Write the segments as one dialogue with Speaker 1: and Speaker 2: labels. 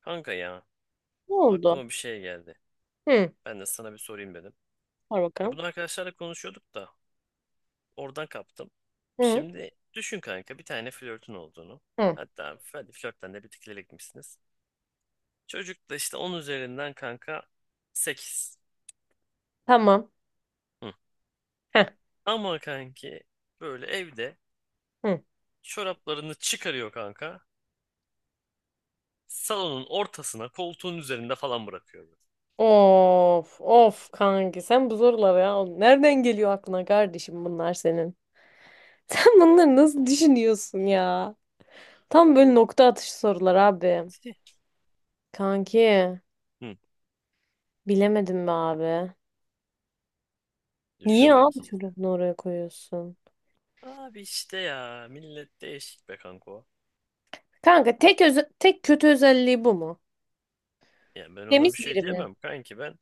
Speaker 1: Kanka ya
Speaker 2: Ne oldu?
Speaker 1: aklıma bir şey geldi.
Speaker 2: Hı.
Speaker 1: Ben de sana bir sorayım dedim.
Speaker 2: Var
Speaker 1: Ya
Speaker 2: bakalım.
Speaker 1: bunu arkadaşlarla konuşuyorduk da oradan kaptım.
Speaker 2: Hı.
Speaker 1: Şimdi düşün kanka bir tane flörtün olduğunu.
Speaker 2: Hı.
Speaker 1: Hatta hadi flörtten de bir tık ileri gitmişsiniz. Çocuk da işte 10 üzerinden kanka 8.
Speaker 2: Tamam.
Speaker 1: Hı.
Speaker 2: Heh.
Speaker 1: Ama kanki böyle evde
Speaker 2: Hı.
Speaker 1: çoraplarını çıkarıyor kanka. Salonun ortasına koltuğun üzerinde falan bırakıyor. Böyle.
Speaker 2: Of of kanki sen bu soruları ya nereden geliyor aklına kardeşim bunlar senin? Sen bunları nasıl düşünüyorsun ya? Tam böyle nokta atışı sorular abi. Kanki
Speaker 1: Hı.
Speaker 2: bilemedim be abi. Niye
Speaker 1: Düşün
Speaker 2: abi
Speaker 1: bakayım.
Speaker 2: çocuğunu oraya koyuyorsun?
Speaker 1: Abi işte ya millet değişik be kanka.
Speaker 2: Kanka tek kötü özelliği bu mu?
Speaker 1: Ya ben ona
Speaker 2: Temiz
Speaker 1: bir şey
Speaker 2: biri mi?
Speaker 1: diyemem kanki ben.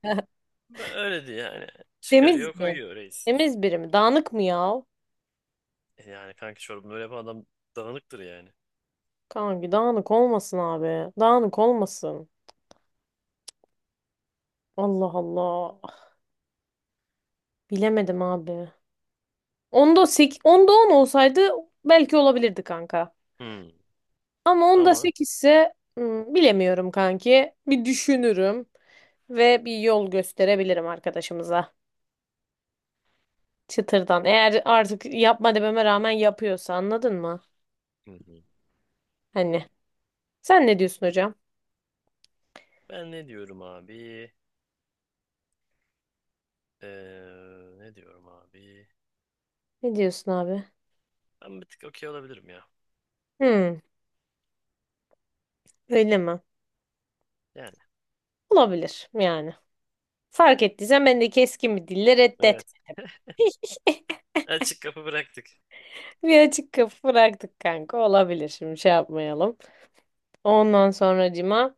Speaker 1: Ben öyle diye yani. Çıkarıyor
Speaker 2: Temiz mi?
Speaker 1: koyuyor reis.
Speaker 2: Temiz biri mi? Dağınık mı ya?
Speaker 1: E yani kanki çorabını öyle yapan adam dağınıktır yani.
Speaker 2: Kanki dağınık olmasın abi. Dağınık olmasın. Allah Allah. Bilemedim abi. Onda 8, onda 10 olsaydı belki olabilirdi kanka.
Speaker 1: Hmm.
Speaker 2: Ama onda
Speaker 1: Ama.
Speaker 2: 8 ise hmm, bilemiyorum kanki. Bir düşünürüm ve bir yol gösterebilirim arkadaşımıza. Çıtırdan. Eğer artık yapma dememe rağmen yapıyorsa anladın mı?
Speaker 1: Hı hı.
Speaker 2: Hani. Sen ne diyorsun hocam?
Speaker 1: Ben ne diyorum abi? Ee, ne diyorum abi?
Speaker 2: Ne diyorsun abi?
Speaker 1: Ben bir tık okey olabilirim ya.
Speaker 2: Hmm, öyle mi?
Speaker 1: Yani
Speaker 2: Olabilir yani. Fark ettiysen ben de keskin bir dille reddet.
Speaker 1: evet. Açık kapı bıraktık.
Speaker 2: Bir açık kapı bıraktık kanka. Olabilir şimdi şey yapmayalım. Ondan sonracıma.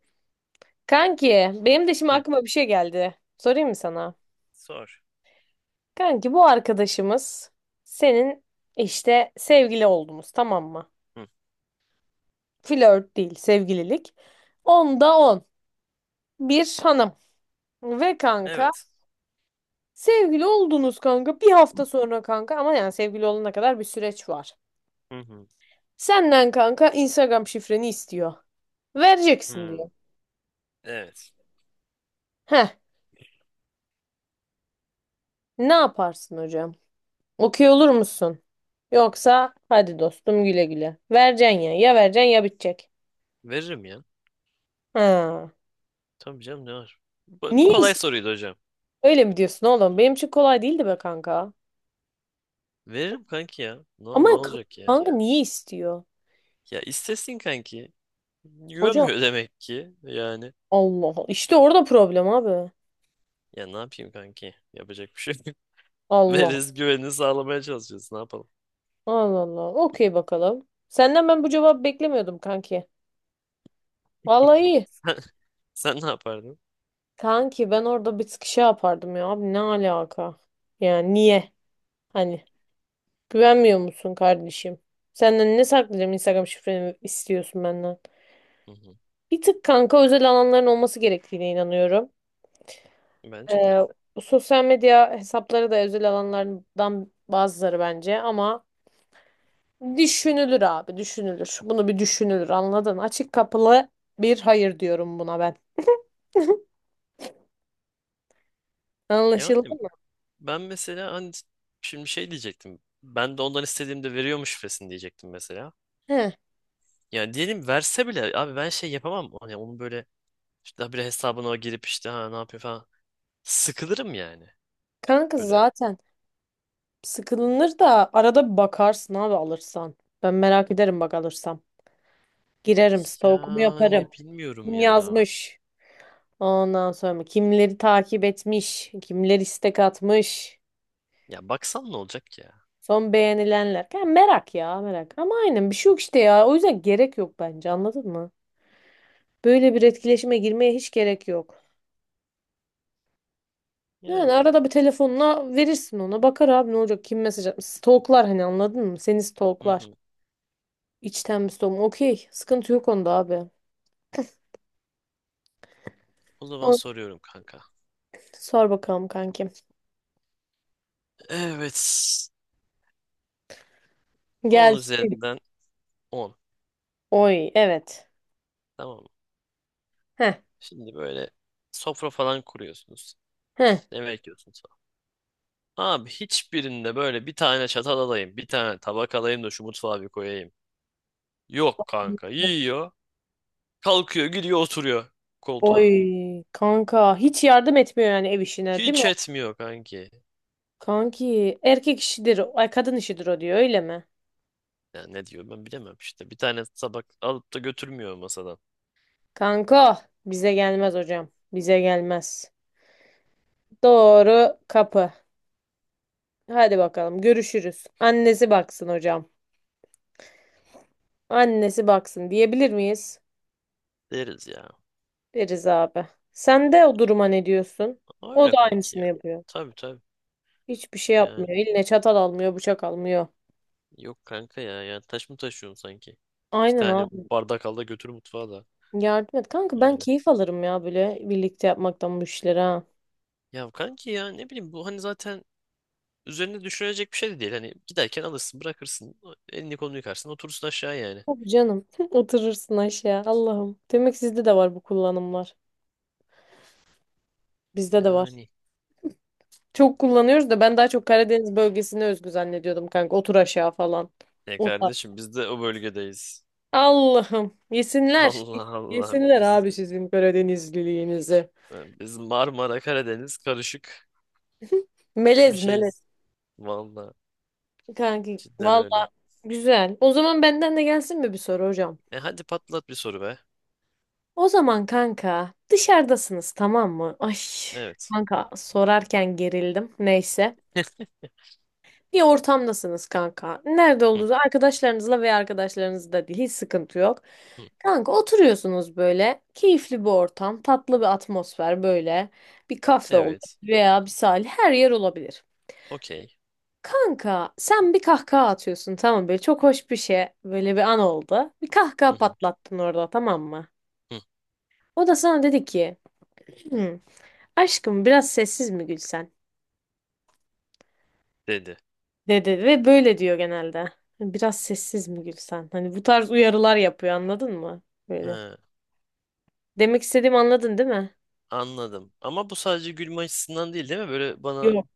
Speaker 2: Kanki benim de şimdi
Speaker 1: Hı.
Speaker 2: aklıma bir şey geldi. Sorayım mı sana?
Speaker 1: Sor.
Speaker 2: Kanki bu arkadaşımız senin işte sevgili oldunuz tamam mı?
Speaker 1: Hı.
Speaker 2: Flört değil sevgililik. Onda on. Bir hanım. Ve kanka
Speaker 1: Evet.
Speaker 2: sevgili oldunuz kanka bir hafta sonra kanka ama yani sevgili olana kadar bir süreç var.
Speaker 1: Hı hı.
Speaker 2: Senden kanka Instagram şifreni istiyor. Vereceksin diyor.
Speaker 1: Hı. Evet.
Speaker 2: Heh, ne yaparsın hocam? Okuyor olur musun? Yoksa hadi dostum güle güle. Vereceksin ya. Ya vereceksin ya bitecek.
Speaker 1: Veririm ya.
Speaker 2: Ha.
Speaker 1: Tabii canım ne var? Bu
Speaker 2: Niye
Speaker 1: kolay
Speaker 2: istiyor?
Speaker 1: soruydu hocam.
Speaker 2: Öyle mi diyorsun oğlum? Benim için kolay değildi be kanka.
Speaker 1: Veririm kanki ya. Ne, ol-
Speaker 2: Ama
Speaker 1: ne
Speaker 2: kanka,
Speaker 1: olacak ya?
Speaker 2: kanka niye istiyor?
Speaker 1: Ya istesin kanki.
Speaker 2: Hoca
Speaker 1: Güvenmiyor demek ki yani.
Speaker 2: Allah Allah. İşte orada problem abi.
Speaker 1: Ya ne yapayım kanki? Yapacak bir şey yok.
Speaker 2: Allah.
Speaker 1: Veriz güvenini sağlamaya çalışıyoruz. Ne yapalım?
Speaker 2: Allah Allah. Okey bakalım. Senden ben bu cevabı beklemiyordum kanki. Vallahi iyi.
Speaker 1: Sen, sen ne yapardın?
Speaker 2: Kanki ben orada bir sıkışa yapardım ya. Abi ne alaka? Yani niye? Hani. Güvenmiyor musun kardeşim? Senden ne saklayacağım Instagram şifreni istiyorsun benden.
Speaker 1: Hı hı.
Speaker 2: Bir tık kanka özel alanların olması gerektiğine inanıyorum.
Speaker 1: Bence de.
Speaker 2: Ee, Sosyal medya hesapları da özel alanlardan bazıları bence ama düşünülür abi düşünülür. Bunu bir düşünülür anladın. Açık kapılı bir hayır diyorum buna ben. Anlaşıldı
Speaker 1: Yani
Speaker 2: mı?
Speaker 1: ben mesela hani şimdi şey diyecektim. Ben de ondan istediğimde veriyormuş şifresini diyecektim mesela.
Speaker 2: He.
Speaker 1: Yani diyelim verse bile abi ben şey yapamam. Hani onun böyle işte daha bir hesabına o girip işte ha ne yapıyor falan. Sıkılırım yani.
Speaker 2: Kanka
Speaker 1: Böyle.
Speaker 2: zaten sıkılınır da arada bir bakarsın abi alırsan. Ben merak ederim bak alırsam. Girerim stalkumu yaparım.
Speaker 1: Yani bilmiyorum
Speaker 2: Kim
Speaker 1: ya.
Speaker 2: yazmış? Ondan sonra kimleri takip etmiş, kimler istek atmış,
Speaker 1: Ya baksan ne olacak ya?
Speaker 2: son beğenilenler. Ya merak ya merak. Ama aynen bir şey yok işte ya. O yüzden gerek yok bence anladın mı? Böyle bir etkileşime girmeye hiç gerek yok. Yani
Speaker 1: Yani.
Speaker 2: arada bir telefonla verirsin ona. Bakar abi ne olacak kim mesaj atmış. Stalklar hani anladın mı? Seni
Speaker 1: Hı
Speaker 2: stalklar.
Speaker 1: hı.
Speaker 2: İçten bir stalk. Okey. Sıkıntı yok onda abi.
Speaker 1: O zaman
Speaker 2: O-
Speaker 1: soruyorum kanka.
Speaker 2: Sor bakalım kankim.
Speaker 1: Evet. 10
Speaker 2: Gel.
Speaker 1: üzerinden 10.
Speaker 2: Oy evet.
Speaker 1: Tamam mı?
Speaker 2: Heh.
Speaker 1: Şimdi böyle sofra falan kuruyorsunuz.
Speaker 2: Heh.
Speaker 1: İşte ne bekliyorsunuz falan. Abi hiçbirinde böyle bir tane çatal alayım, bir tane tabak alayım da şu mutfağa bir koyayım. Yok kanka. Yiyor. Kalkıyor, gidiyor, oturuyor
Speaker 2: Oy
Speaker 1: koltuğa.
Speaker 2: kanka hiç yardım etmiyor yani ev işine değil mi?
Speaker 1: Hiç etmiyor kanki.
Speaker 2: Kanki erkek işidir, ay kadın işidir o diyor öyle mi?
Speaker 1: Ya ne diyor ben bilemem işte. Bir tane tabak alıp da götürmüyor masadan.
Speaker 2: Kanka bize gelmez hocam. Bize gelmez. Doğru kapı. Hadi bakalım görüşürüz. Annesi baksın hocam. Annesi baksın diyebilir miyiz?
Speaker 1: Deriz ya.
Speaker 2: Deriz abi. Sen de o duruma ne diyorsun? O
Speaker 1: Öyle
Speaker 2: da
Speaker 1: kanki
Speaker 2: aynısını
Speaker 1: ya.
Speaker 2: yapıyor.
Speaker 1: Tabii tabii.
Speaker 2: Hiçbir şey yapmıyor.
Speaker 1: Yani.
Speaker 2: Eline çatal almıyor, bıçak almıyor.
Speaker 1: Yok kanka ya. Yani taş mı taşıyorsun sanki? İki
Speaker 2: Aynen
Speaker 1: tane
Speaker 2: abi.
Speaker 1: bardak al da götür mutfağa da.
Speaker 2: Yardım et. Kanka ben
Speaker 1: Yani.
Speaker 2: keyif alırım ya böyle birlikte yapmaktan bu işlere. Ha.
Speaker 1: Ya kanki ya ne bileyim bu hani zaten üzerine düşünülecek bir şey de değil. Hani giderken alırsın bırakırsın. Elini kolunu yıkarsın oturursun aşağı yani.
Speaker 2: Tabii canım. Oturursun aşağı. Allah'ım. Demek sizde de var bu kullanımlar. Bizde de var.
Speaker 1: Yani.
Speaker 2: Çok kullanıyoruz da ben daha çok
Speaker 1: E,
Speaker 2: Karadeniz bölgesine özgü zannediyordum kanka. Otur aşağı falan.
Speaker 1: ne
Speaker 2: O tarz.
Speaker 1: kardeşim biz de o bölgedeyiz.
Speaker 2: Allah'ım. Yesinler.
Speaker 1: Allah Allah
Speaker 2: Yesinler
Speaker 1: biz
Speaker 2: abi sizin Karadenizliliğinizi.
Speaker 1: e, biz Marmara Karadeniz karışık bir
Speaker 2: Melez melez.
Speaker 1: şeyiz. Vallahi
Speaker 2: Kanki
Speaker 1: cidden öyle.
Speaker 2: valla güzel. O zaman benden de gelsin mi bir soru hocam?
Speaker 1: E hadi patlat bir soru be.
Speaker 2: O zaman kanka dışarıdasınız tamam mı? Ay
Speaker 1: Evet.
Speaker 2: kanka sorarken gerildim. Neyse. Bir ortamdasınız kanka. Nerede
Speaker 1: Hı,
Speaker 2: olduğunuz arkadaşlarınızla veya arkadaşlarınızla değil hiç sıkıntı yok.
Speaker 1: hı.
Speaker 2: Kanka oturuyorsunuz böyle. Keyifli bir ortam, tatlı bir atmosfer böyle. Bir kafe olur
Speaker 1: Evet.
Speaker 2: veya bir sahil her yer olabilir.
Speaker 1: Okey.
Speaker 2: Kanka sen bir kahkaha atıyorsun tamam böyle çok hoş bir şey böyle bir an oldu. Bir
Speaker 1: Hı,
Speaker 2: kahkaha
Speaker 1: hı,
Speaker 2: patlattın orada tamam mı?
Speaker 1: hı.
Speaker 2: O da sana dedi ki "Hmm, aşkım biraz sessiz mi gülsen?"
Speaker 1: Dedi.
Speaker 2: Dedi ve böyle diyor genelde. Hani biraz sessiz mi gülsen? Hani bu tarz uyarılar yapıyor anladın mı? Böyle.
Speaker 1: He,
Speaker 2: Demek istediğimi anladın değil mi?
Speaker 1: anladım. Ama bu sadece gülme açısından değil değil mi? Böyle bana
Speaker 2: Yok.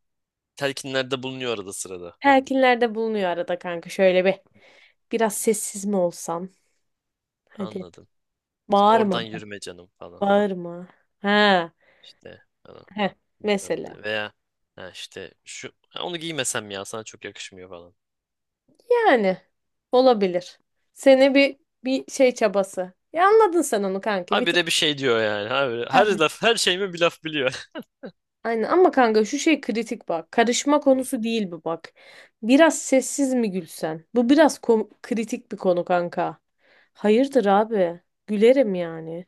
Speaker 1: telkinlerde bulunuyor arada sırada.
Speaker 2: Telkinlerde bulunuyor arada kanka şöyle bir. Biraz sessiz mi olsam? Hadi.
Speaker 1: Anladım. İşte
Speaker 2: Bağırma.
Speaker 1: oradan yürüme canım falan.
Speaker 2: Bağırma. Ha.
Speaker 1: İşte falan.
Speaker 2: Heh.
Speaker 1: Bilmem
Speaker 2: Mesela.
Speaker 1: ne. Veya ha işte şu, "Ha, onu giymesem ya sana çok yakışmıyor falan."
Speaker 2: Yani. Olabilir. Seni bir şey çabası. Ya anladın sen onu kanki. Bir
Speaker 1: Habire bir şey diyor yani. Habire, her
Speaker 2: tık.
Speaker 1: laf her şeyime bir laf biliyor.
Speaker 2: Aynen ama kanka şu şey kritik bak. Karışma
Speaker 1: Hı.
Speaker 2: konusu değil bu bak. Biraz sessiz mi gülsen? Bu biraz kritik bir konu kanka. Hayırdır abi? Gülerim yani.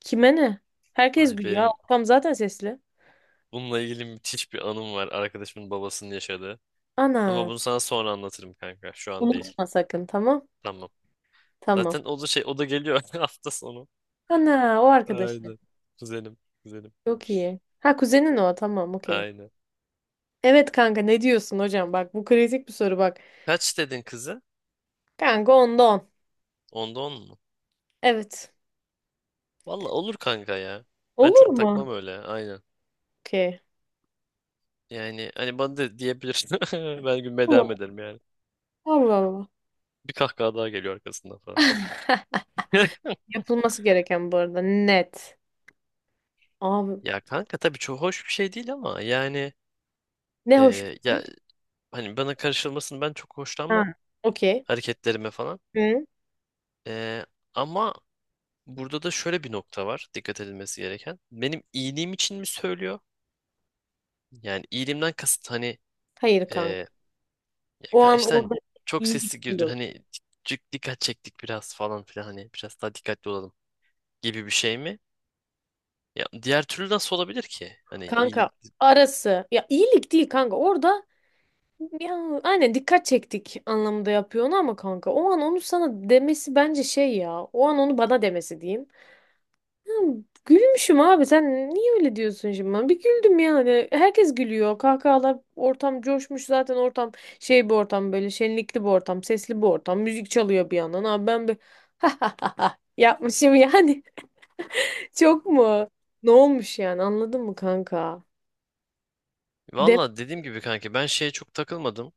Speaker 2: Kime ne? Herkes
Speaker 1: Ay
Speaker 2: gülüyor.
Speaker 1: benim
Speaker 2: Tam zaten sesli.
Speaker 1: bununla ilgili müthiş bir anım var. Arkadaşımın babasının yaşadığı. Ama
Speaker 2: Ana.
Speaker 1: bunu sana sonra anlatırım kanka. Şu an değil.
Speaker 2: Unutma sakın tamam?
Speaker 1: Tamam.
Speaker 2: Tamam.
Speaker 1: Zaten o da geliyor hafta sonu.
Speaker 2: Ana o arkadaşı.
Speaker 1: Aynen. Güzelim. Güzelim.
Speaker 2: Çok iyi. Ha kuzenin o tamam okey.
Speaker 1: Aynen.
Speaker 2: Evet kanka ne diyorsun hocam? Bak bu kritik bir soru bak.
Speaker 1: Kaç dedin kızı?
Speaker 2: Kanka onda on.
Speaker 1: 10'da 10 mu?
Speaker 2: Evet.
Speaker 1: Valla olur kanka ya. Ben
Speaker 2: Olur
Speaker 1: çok
Speaker 2: mu?
Speaker 1: takmam öyle. Aynen.
Speaker 2: Okey.
Speaker 1: Yani hani bana da diyebilirsin. Ben gülmeye
Speaker 2: Olur.
Speaker 1: devam ederim yani.
Speaker 2: Allah Allah.
Speaker 1: Bir kahkaha daha geliyor arkasından falan.
Speaker 2: Yapılması gereken bu arada net. Abi
Speaker 1: Ya kanka tabii çok hoş bir şey değil ama yani
Speaker 2: ne hoş.
Speaker 1: ya hani bana karışılmasını ben çok
Speaker 2: Ha,
Speaker 1: hoşlanmam
Speaker 2: okey.
Speaker 1: hareketlerime falan.
Speaker 2: Hı?
Speaker 1: E, ama burada da şöyle bir nokta var dikkat edilmesi gereken. Benim iyiliğim için mi söylüyor? Yani iyiliğimden kasıt hani
Speaker 2: Hayır kanka.
Speaker 1: e, Ya
Speaker 2: O
Speaker 1: kanka
Speaker 2: an
Speaker 1: işte hani
Speaker 2: orada
Speaker 1: çok
Speaker 2: iyilik
Speaker 1: sesli
Speaker 2: değil
Speaker 1: girdin
Speaker 2: olur.
Speaker 1: hani cık dikkat çektik biraz falan filan hani biraz daha dikkatli olalım gibi bir şey mi? Ya diğer türlü nasıl olabilir ki? Hani iyilik.
Speaker 2: Kanka arası. Ya iyilik değil kanka. Orada ya, aynen dikkat çektik anlamında yapıyor onu ama kanka. O an onu sana demesi bence şey ya. O an onu bana demesi diyeyim. Gülmüşüm abi sen niye öyle diyorsun şimdi bana? Bir güldüm yani. Herkes gülüyor. Kahkahalar ortam coşmuş zaten ortam şey bir ortam böyle şenlikli bir ortam, sesli bir ortam. Müzik çalıyor bir yandan. Abi ben bir yapmışım yani. Çok mu? Ne olmuş yani anladın mı kanka? De
Speaker 1: Valla dediğim gibi kanka ben şeye çok takılmadım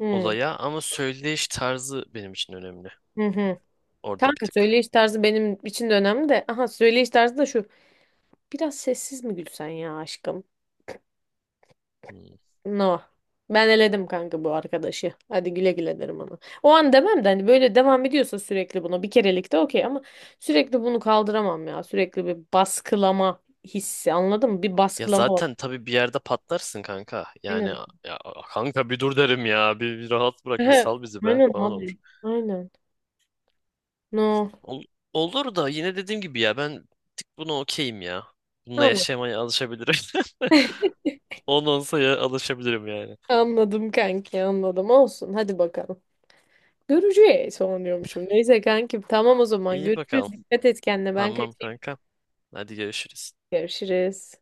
Speaker 2: hı.
Speaker 1: olaya ama söyleyiş tarzı benim için önemli.
Speaker 2: Hı hı.
Speaker 1: Orada bir
Speaker 2: Kanka
Speaker 1: tık.
Speaker 2: söyleyiş tarzı benim için de önemli de. Aha söyleyiş tarzı da şu. Biraz sessiz mi gülsen ya aşkım?
Speaker 1: Hmm.
Speaker 2: No. Ben eledim kanka bu arkadaşı. Hadi güle güle derim ona. O an demem de hani böyle devam ediyorsa sürekli buna bir kerelik de okey ama sürekli bunu kaldıramam ya. Sürekli bir baskılama hissi anladın mı? Bir
Speaker 1: Ya
Speaker 2: baskılama var.
Speaker 1: zaten tabii bir yerde patlarsın kanka. Yani
Speaker 2: Aynen.
Speaker 1: ya, kanka bir dur derim ya. Bir rahat bırak bir
Speaker 2: Ehe,
Speaker 1: sal bizi be
Speaker 2: aynen
Speaker 1: falan
Speaker 2: abi.
Speaker 1: olur.
Speaker 2: Aynen. No.
Speaker 1: Ol- olur da yine dediğim gibi ya ben bir tık buna okeyim ya. Bununla
Speaker 2: Anladım.
Speaker 1: yaşamaya alışabilirim. 10 olsa alışabilirim yani.
Speaker 2: Anladım kanki anladım. Olsun hadi bakalım. Göreceğiz onu diyormuşum. Neyse kankim tamam o zaman
Speaker 1: İyi
Speaker 2: görüşürüz.
Speaker 1: bakalım.
Speaker 2: Dikkat et kendine ben
Speaker 1: Tamam
Speaker 2: kaçayım.
Speaker 1: kanka. Hadi görüşürüz.
Speaker 2: Görüşürüz.